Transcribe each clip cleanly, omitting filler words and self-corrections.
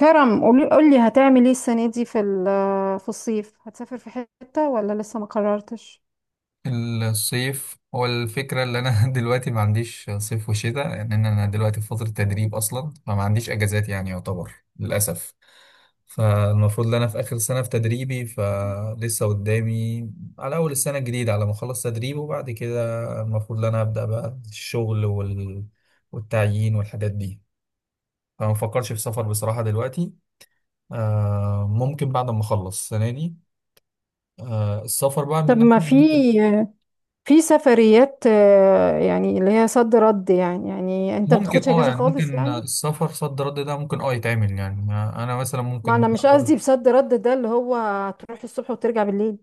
كرم، قولي هتعمل ايه السنة دي في الصيف، هتسافر في حتة ولا لسه ما قررتش؟ الصيف هو الفكرة اللي أنا دلوقتي ما عنديش صيف وشتاء، لأن أنا دلوقتي في فترة تدريب أصلا، فما عنديش أجازات يعني يعتبر، للأسف. فالمفروض إن أنا في آخر سنة في تدريبي، فلسه قدامي على أول السنة الجديدة على ما أخلص تدريب، وبعد كده المفروض إن أنا أبدأ بقى الشغل والتعيين والحاجات دي. فما بفكرش في سفر بصراحة دلوقتي. ممكن بعد ما أخلص السنة دي. السفر بقى من طب ما ناحية. في في سفريات، يعني اللي هي صد رد، يعني انت ممكن بتاخدش اجازه يعني خالص ممكن يعني؟ السفر صد رد ده ممكن يتعمل، يعني انا مثلا ما انا ممكن. مش قصدي بصد رد ده، اللي هو تروح الصبح وترجع بالليل.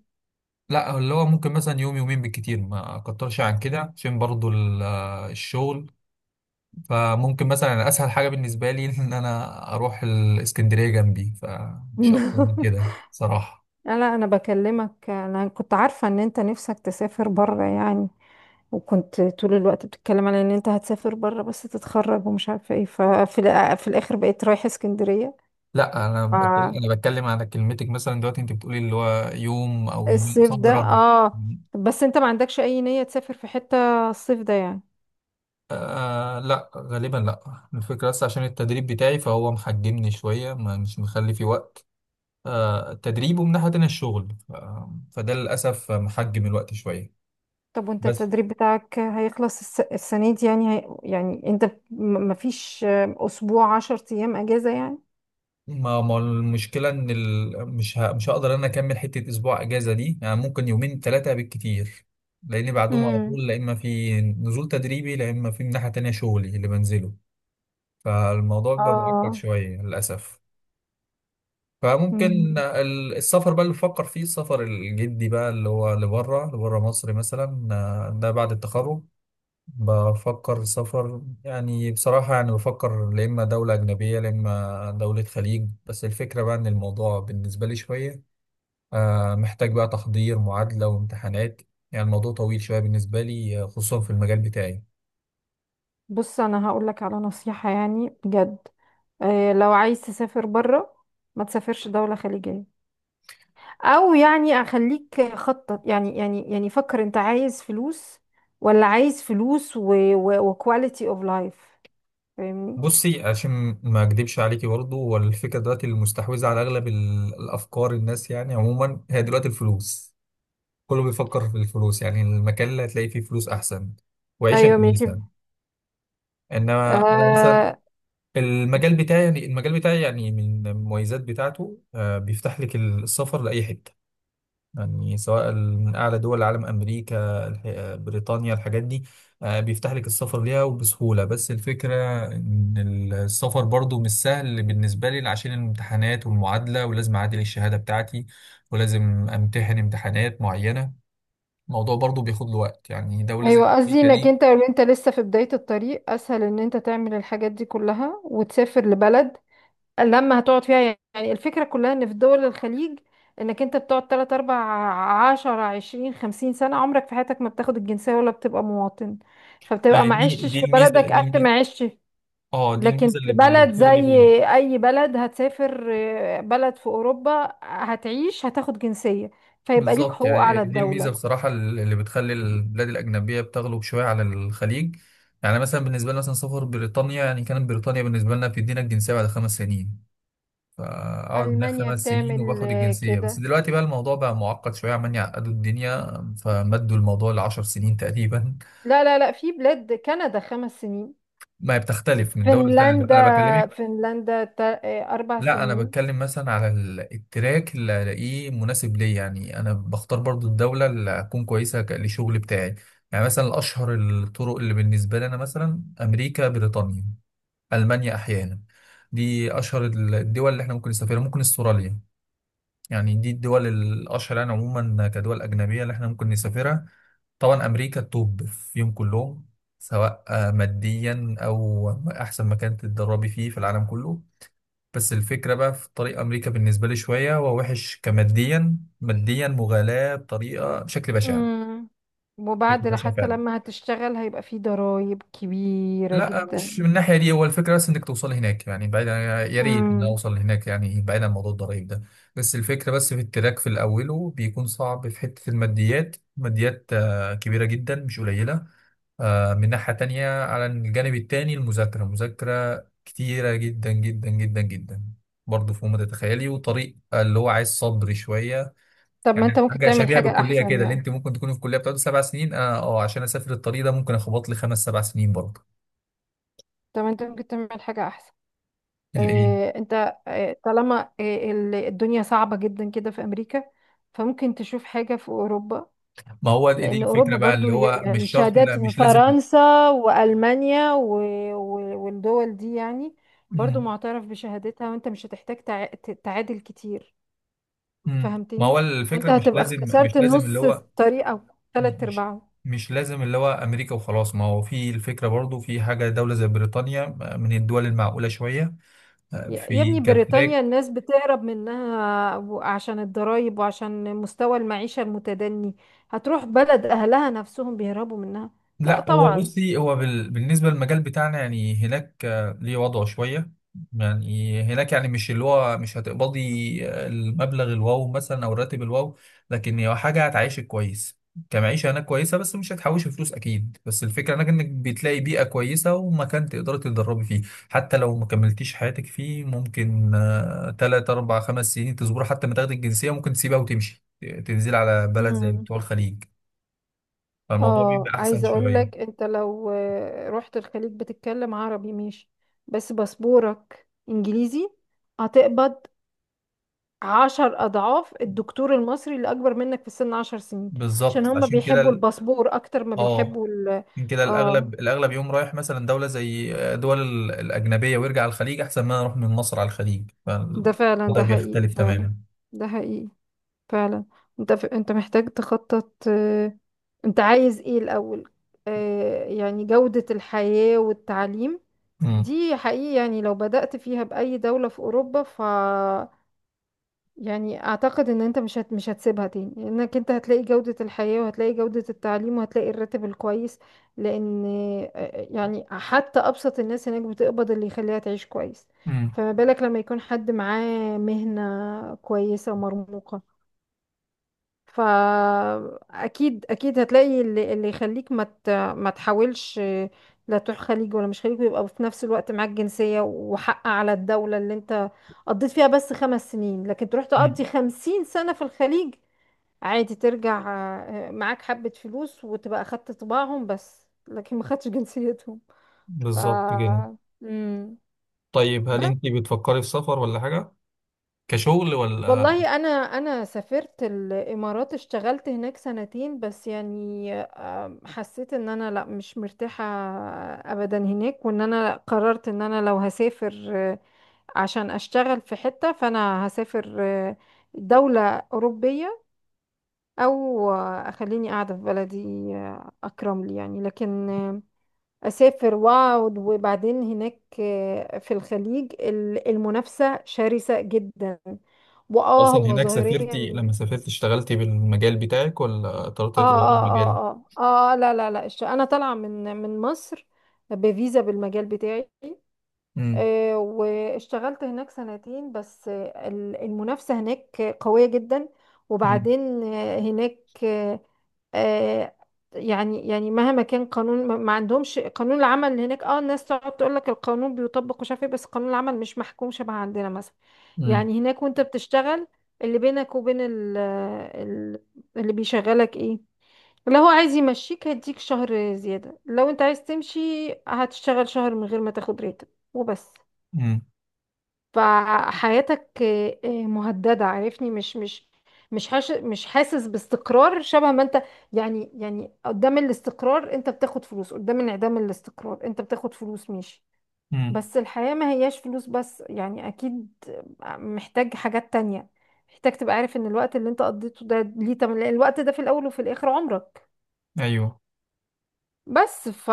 لا، اللي هو ممكن مثلا يوم يومين بالكتير، ما اكترش عن كده، عشان برضو الشغل. فممكن مثلا أنا اسهل حاجة بالنسبة لي ان انا اروح الاسكندرية جنبي، فمش اكتر من كده صراحة. لا انا بكلمك، انا كنت عارفه ان انت نفسك تسافر بره يعني، وكنت طول الوقت بتتكلم على ان انت هتسافر بره بس تتخرج ومش عارفه ايه، ففي الأ- في الاخر بقيت رايحه اسكندريه. لا انا بتكلم انا بتكلم على كلمتك مثلا دلوقتي، انت بتقولي اللي هو يوم او يومين الصيف صد ده رد. اه، بس انت ما عندكش اي نية تسافر في حتة الصيف ده يعني؟ آه لا، غالبا لا، الفكرة بس عشان التدريب بتاعي، فهو محجمني شوية، مش مخلي في وقت. التدريب، ومن ناحية تانية الشغل، فده للأسف محجم الوقت شوية. طب وانت بس التدريب بتاعك هيخلص السنة دي يعني، يعني مفيش اسبوع عشر ايام اجازة يعني؟ ما المشكلة إن ال... مش ه... مش هقدر أنا أكمل حتة أسبوع أجازة دي، يعني ممكن يومين ثلاثة بالكتير، لأن بعدهم على امم. طول لا إما في نزول تدريبي، لا إما في من ناحية تانية شغلي اللي بنزله، فالموضوع بيبقى معقد اه. شوية للأسف. مم. فممكن السفر بقى اللي بفكر فيه، السفر الجدي بقى اللي هو لبره لبره مصر مثلا، ده بعد التخرج. بفكر سفر يعني، بصراحة يعني بفكر لا إما دولة أجنبية لا إما دولة خليج، بس الفكرة بقى إن الموضوع بالنسبة لي شوية محتاج بقى تحضير معادلة وامتحانات، يعني الموضوع طويل شوية بالنسبة لي، خصوصا في المجال بتاعي. بص انا هقول لك على نصيحة يعني بجد، آه لو عايز تسافر بره ما تسافرش دولة خليجية، او يعني اخليك خطط، يعني فكر انت عايز فلوس ولا عايز فلوس و... و... وكواليتي اوف لايف؟ فاهمني؟ بصي، عشان ما اكدبش عليكي برضه، والفكره دلوقتي المستحوذه على اغلب الافكار الناس يعني عموما، هي دلوقتي الفلوس. كله بيفكر في الفلوس، يعني المكان اللي هتلاقي فيه فلوس احسن وعيشه ايوه ماشي. كويسه. انما انا مثلا آه المجال بتاعي، يعني المجال بتاعي يعني، من المميزات بتاعته بيفتح لك السفر لاي حته، يعني سواء من اعلى دول العالم، امريكا بريطانيا الحاجات دي، بيفتح لك السفر ليها وبسهوله، بس الفكره ان السفر برضو مش سهل بالنسبه لي، عشان الامتحانات والمعادله، ولازم اعادل الشهاده بتاعتي، ولازم امتحن امتحانات معينه، الموضوع برضو بياخد له وقت، يعني دولة زي ايوه، قصدي أمريكا انك دي. انت لو انت لسه في بداية الطريق اسهل ان انت تعمل الحاجات دي كلها وتسافر لبلد لما هتقعد فيها. يعني الفكرة كلها ان في دول الخليج انك انت بتقعد 3 4 10 20 50 سنة عمرك في حياتك ما بتاخد الجنسية ولا بتبقى مواطن، فبتبقى ما هي ما دي عشتش دي في الميزة، بلدك دي قد الميزة، ما عشت. اه دي لكن الميزة في اللي بلد زي بتغلب اي بلد هتسافر، بلد في اوروبا هتعيش هتاخد جنسية، فيبقى ليك بالظبط، حقوق يعني على دي الميزة الدولة. بصراحة اللي بتخلي البلاد الأجنبية بتغلب شوية على الخليج. يعني مثلا بالنسبة لنا مثلا، سفر بريطانيا يعني، كانت بريطانيا بالنسبة لنا بتدينا الجنسية بعد 5 سنين، فأقعد هناك ألمانيا 5 سنين بتعمل وباخد الجنسية، بس كده. دلوقتي بقى الموضوع بقى معقد شوية، عمال يعقدوا الدنيا، فمدوا الموضوع لعشر سنين تقريبا. لا لا لا، في بلاد كندا خمس سنين، ما هي بتختلف من دولة لتانية، فنلندا، أنا بكلمك. فنلندا أربع لا، انا سنين. بتكلم مثلا على التراك اللي الاقيه مناسب ليا، يعني انا بختار برضو الدوله اللي اكون كويسه للشغل بتاعي، يعني مثلا اشهر الطرق اللي بالنسبه لي انا، مثلا امريكا، بريطانيا، المانيا احيانا، دي اشهر الدول اللي احنا ممكن نسافرها، ممكن استراليا، يعني دي الدول الاشهر يعني عموما كدول اجنبيه اللي احنا ممكن نسافرها. طبعا امريكا التوب فيهم كلهم، سواء ماديا او احسن مكان تتدربي فيه في العالم كله. بس الفكرة بقى في طريق أمريكا بالنسبة لي شوية هو وحش، كماديا، ماديا مغالاة بطريقة، بشكل بشع، مم. بشكل وبعد بشع حتى فعلا. لما هتشتغل هيبقى في ضرائب كبيرة لا، مش من جدا. الناحية دي، هو الفكرة بس إنك توصل هناك يعني، بعيدا، يا ريت إن مم. أوصل هناك يعني، بعيدا عن موضوع الضرايب ده. بس الفكرة بس في التراك في الأول، وبيكون صعب في حتة الماديات، ماديات كبيرة جدا مش قليلة، من ناحية تانية على الجانب التاني المذاكرة، مذاكرة كتيرة جدا جدا جدا جدا، برضه فوق ما تتخيلي، وطريق اللي هو عايز صبر شوية. طب ما انت يعني ممكن حاجة تعمل شبيهة حاجة بالكلية أحسن كده، اللي يعني؟ انت ممكن تكوني في الكلية بتقعد 7 سنين، اه عشان اسافر الطريق ده ممكن اخبط لي خمس سبع سنين برضه. طب ما انت ممكن تعمل حاجة أحسن. الايه؟ اه انت، اه طالما الدنيا صعبة جدا كده في أمريكا، فممكن تشوف حاجة في أوروبا. ما هو دي لأن أوروبا الفكرة بقى اللي برضو هو يعني مش شرط، لا شهادات مش لازم. فرنسا وألمانيا و... و... والدول دي يعني برضو مم. معترف بشهادتها، وأنت مش هتحتاج تعادل كتير. ما هو فهمتني؟ وأنت الفكرة مش هتبقى لازم، مش اختصرت لازم اللي نص هو الطريق أو تلات مش أرباعه. مش لازم اللي هو امريكا وخلاص، ما هو في الفكره برضو في حاجه، دوله زي بريطانيا من الدول المعقوله شويه، يا في ابني، بريطانيا كتراك. الناس بتهرب منها عشان الضرايب وعشان مستوى المعيشة المتدني، هتروح بلد أهلها نفسهم بيهربوا منها. لا لا، هو طبعا. بصي، هو بالنسبة للمجال بتاعنا، يعني هناك ليه وضعه شوية، يعني هناك يعني، مش اللي هو مش هتقبضي المبلغ الواو مثلا، أو الراتب الواو، لكن هي حاجة هتعيشك كويس كمعيشة، هناك كويسة بس مش هتحوشي فلوس أكيد، بس الفكرة هناك إنك بتلاقي بيئة كويسة ومكان تقدري تتدربي فيه، حتى لو ما كملتيش حياتك فيه، ممكن تلات أربع خمس سنين تصبري حتى ما تاخدي الجنسية، ممكن تسيبها وتمشي، تنزلي على بلد زي مم. بتوع الخليج، فالموضوع اه بيبقى أحسن عايزه اقول شوية. لك، انت لو رحت الخليج بتتكلم عربي ماشي بس باسبورك انجليزي، هتقبض عشر اضعاف الدكتور المصري اللي اكبر منك في السن عشر سنين، عشان بالظبط، هما فعشان كده بيحبوا الباسبور اكتر ما اه بيحبوا ال... عشان كده اه. الاغلب الاغلب يقوم رايح مثلا دوله زي دول الاجنبيه ويرجع على الخليج، احسن ما نروح من مصر على الخليج، ده فعلا، فالوضع ده حقيقي بيختلف فعلا، تماما. ده حقيقي فعلا. انت محتاج تخطط، انت عايز ايه الاول؟ آه يعني جودة الحياة والتعليم، امم، دي حقيقي. يعني لو بدأت فيها بأي دولة في أوروبا ف... يعني أعتقد إن أنت مش هتسيبها تاني، لأنك أنت هتلاقي جودة الحياة وهتلاقي جودة التعليم وهتلاقي الراتب الكويس. لأن يعني حتى أبسط الناس هناك بتقبض اللي يخليها تعيش كويس. امم، فما بالك لما يكون حد معاه مهنة كويسة ومرموقة؟ فاكيد اكيد هتلاقي اللي يخليك ما تحاولش لا تروح خليج ولا مش خليج، ويبقى في نفس الوقت معاك جنسية وحق على الدولة اللي انت قضيت فيها بس خمس سنين، لكن تروح أمم. تقضي خمسين سنة في الخليج عادي ترجع، معاك حبة فلوس وتبقى أخدت طباعهم بس لكن ما خدتش جنسيتهم. ف... بالظبط كده. مم. طيب، هل انت بتفكري في سفر ولا حاجه، كشغل، ولا والله انا سافرت الامارات اشتغلت هناك سنتين بس يعني، حسيت ان انا لا مش مرتاحة ابدا هناك، وان انا قررت ان انا لو هسافر، عشان اشتغل في حتة فانا هسافر دولة اوروبية، او اخليني قاعدة في بلدي، اكرم لي يعني. لكن اسافر واقعد، وبعدين هناك في الخليج المنافسة شرسة جدا. واه اصلا هو هناك ظاهريا، سافرتي لما سافرتي اشتغلتي بالمجال بتاعك ولا اضطريتي اه تغيري اه المجال؟ اه اه اه، لا لا لا، انا طالعة من مصر بفيزا بالمجال بتاعي، امم، واشتغلت هناك سنتين بس. المنافسة هناك قوية جدا. امم، وبعدين هناك، آه، آه، يعني مهما كان قانون، ما عندهمش قانون العمل هناك. اه الناس تقعد تقول لك القانون بيطبق ومش عارف ايه، بس قانون العمل مش محكوم شبه عندنا مثلا. امم، يعني هناك وانت بتشتغل، اللي بينك وبين ال- اللي بيشغلك ايه؟ لو هو عايز يمشيك هيديك شهر زيادة، لو انت عايز تمشي هتشتغل شهر من غير ما تاخد راتب وبس. امم، فحياتك مهددة. عارفني، مش حاسس باستقرار شبه ما انت. يعني قدام الاستقرار انت بتاخد فلوس، قدام انعدام الاستقرار انت بتاخد فلوس، ماشي. أمم. بس الحياة ما هياش فلوس بس يعني، اكيد محتاج حاجات تانية، محتاج تبقى عارف ان الوقت اللي انت قضيته ده ليه تمن، لأن الوقت ده في الاول وفي الاخر عمرك. ايوه. بس ف...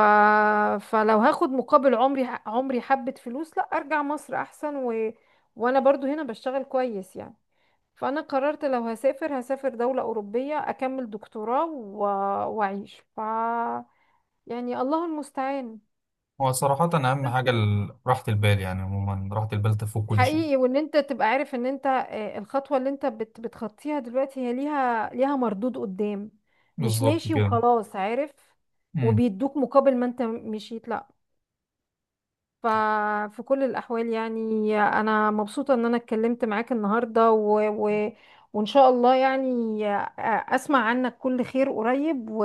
فلو هاخد مقابل عمري، عمري حبة فلوس، لا ارجع مصر احسن، وانا برضو هنا بشتغل كويس يعني. فانا قررت لو هسافر هسافر دولة اوروبية، اكمل دكتوراه واعيش ف... يعني الله المستعان. هو صراحة أهم حاجة نفس- راحة البال، يعني عموما راحة البال تفوق كل شيء. حقيقي. وان انت تبقى عارف ان انت، الخطوة اللي انت بتخطيها دلوقتي هي ليها مردود قدام، مش بالظبط ماشي كده. وخلاص عارف امم. وبيدوك مقابل ما انت مشيت لا. ففي كل الأحوال يعني أنا مبسوطة إن أنا اتكلمت معاك النهاردة وإن شاء الله يعني أسمع عنك كل خير قريب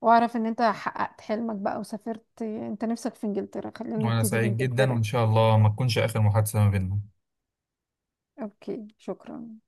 وأعرف إن أنت حققت حلمك بقى وسافرت أنت نفسك في إنجلترا. خلينا وأنا نبتدي سعيد جدا، بإنجلترا. وإن شاء الله ما تكونش آخر محادثة ما بيننا. أوكي، شكرا.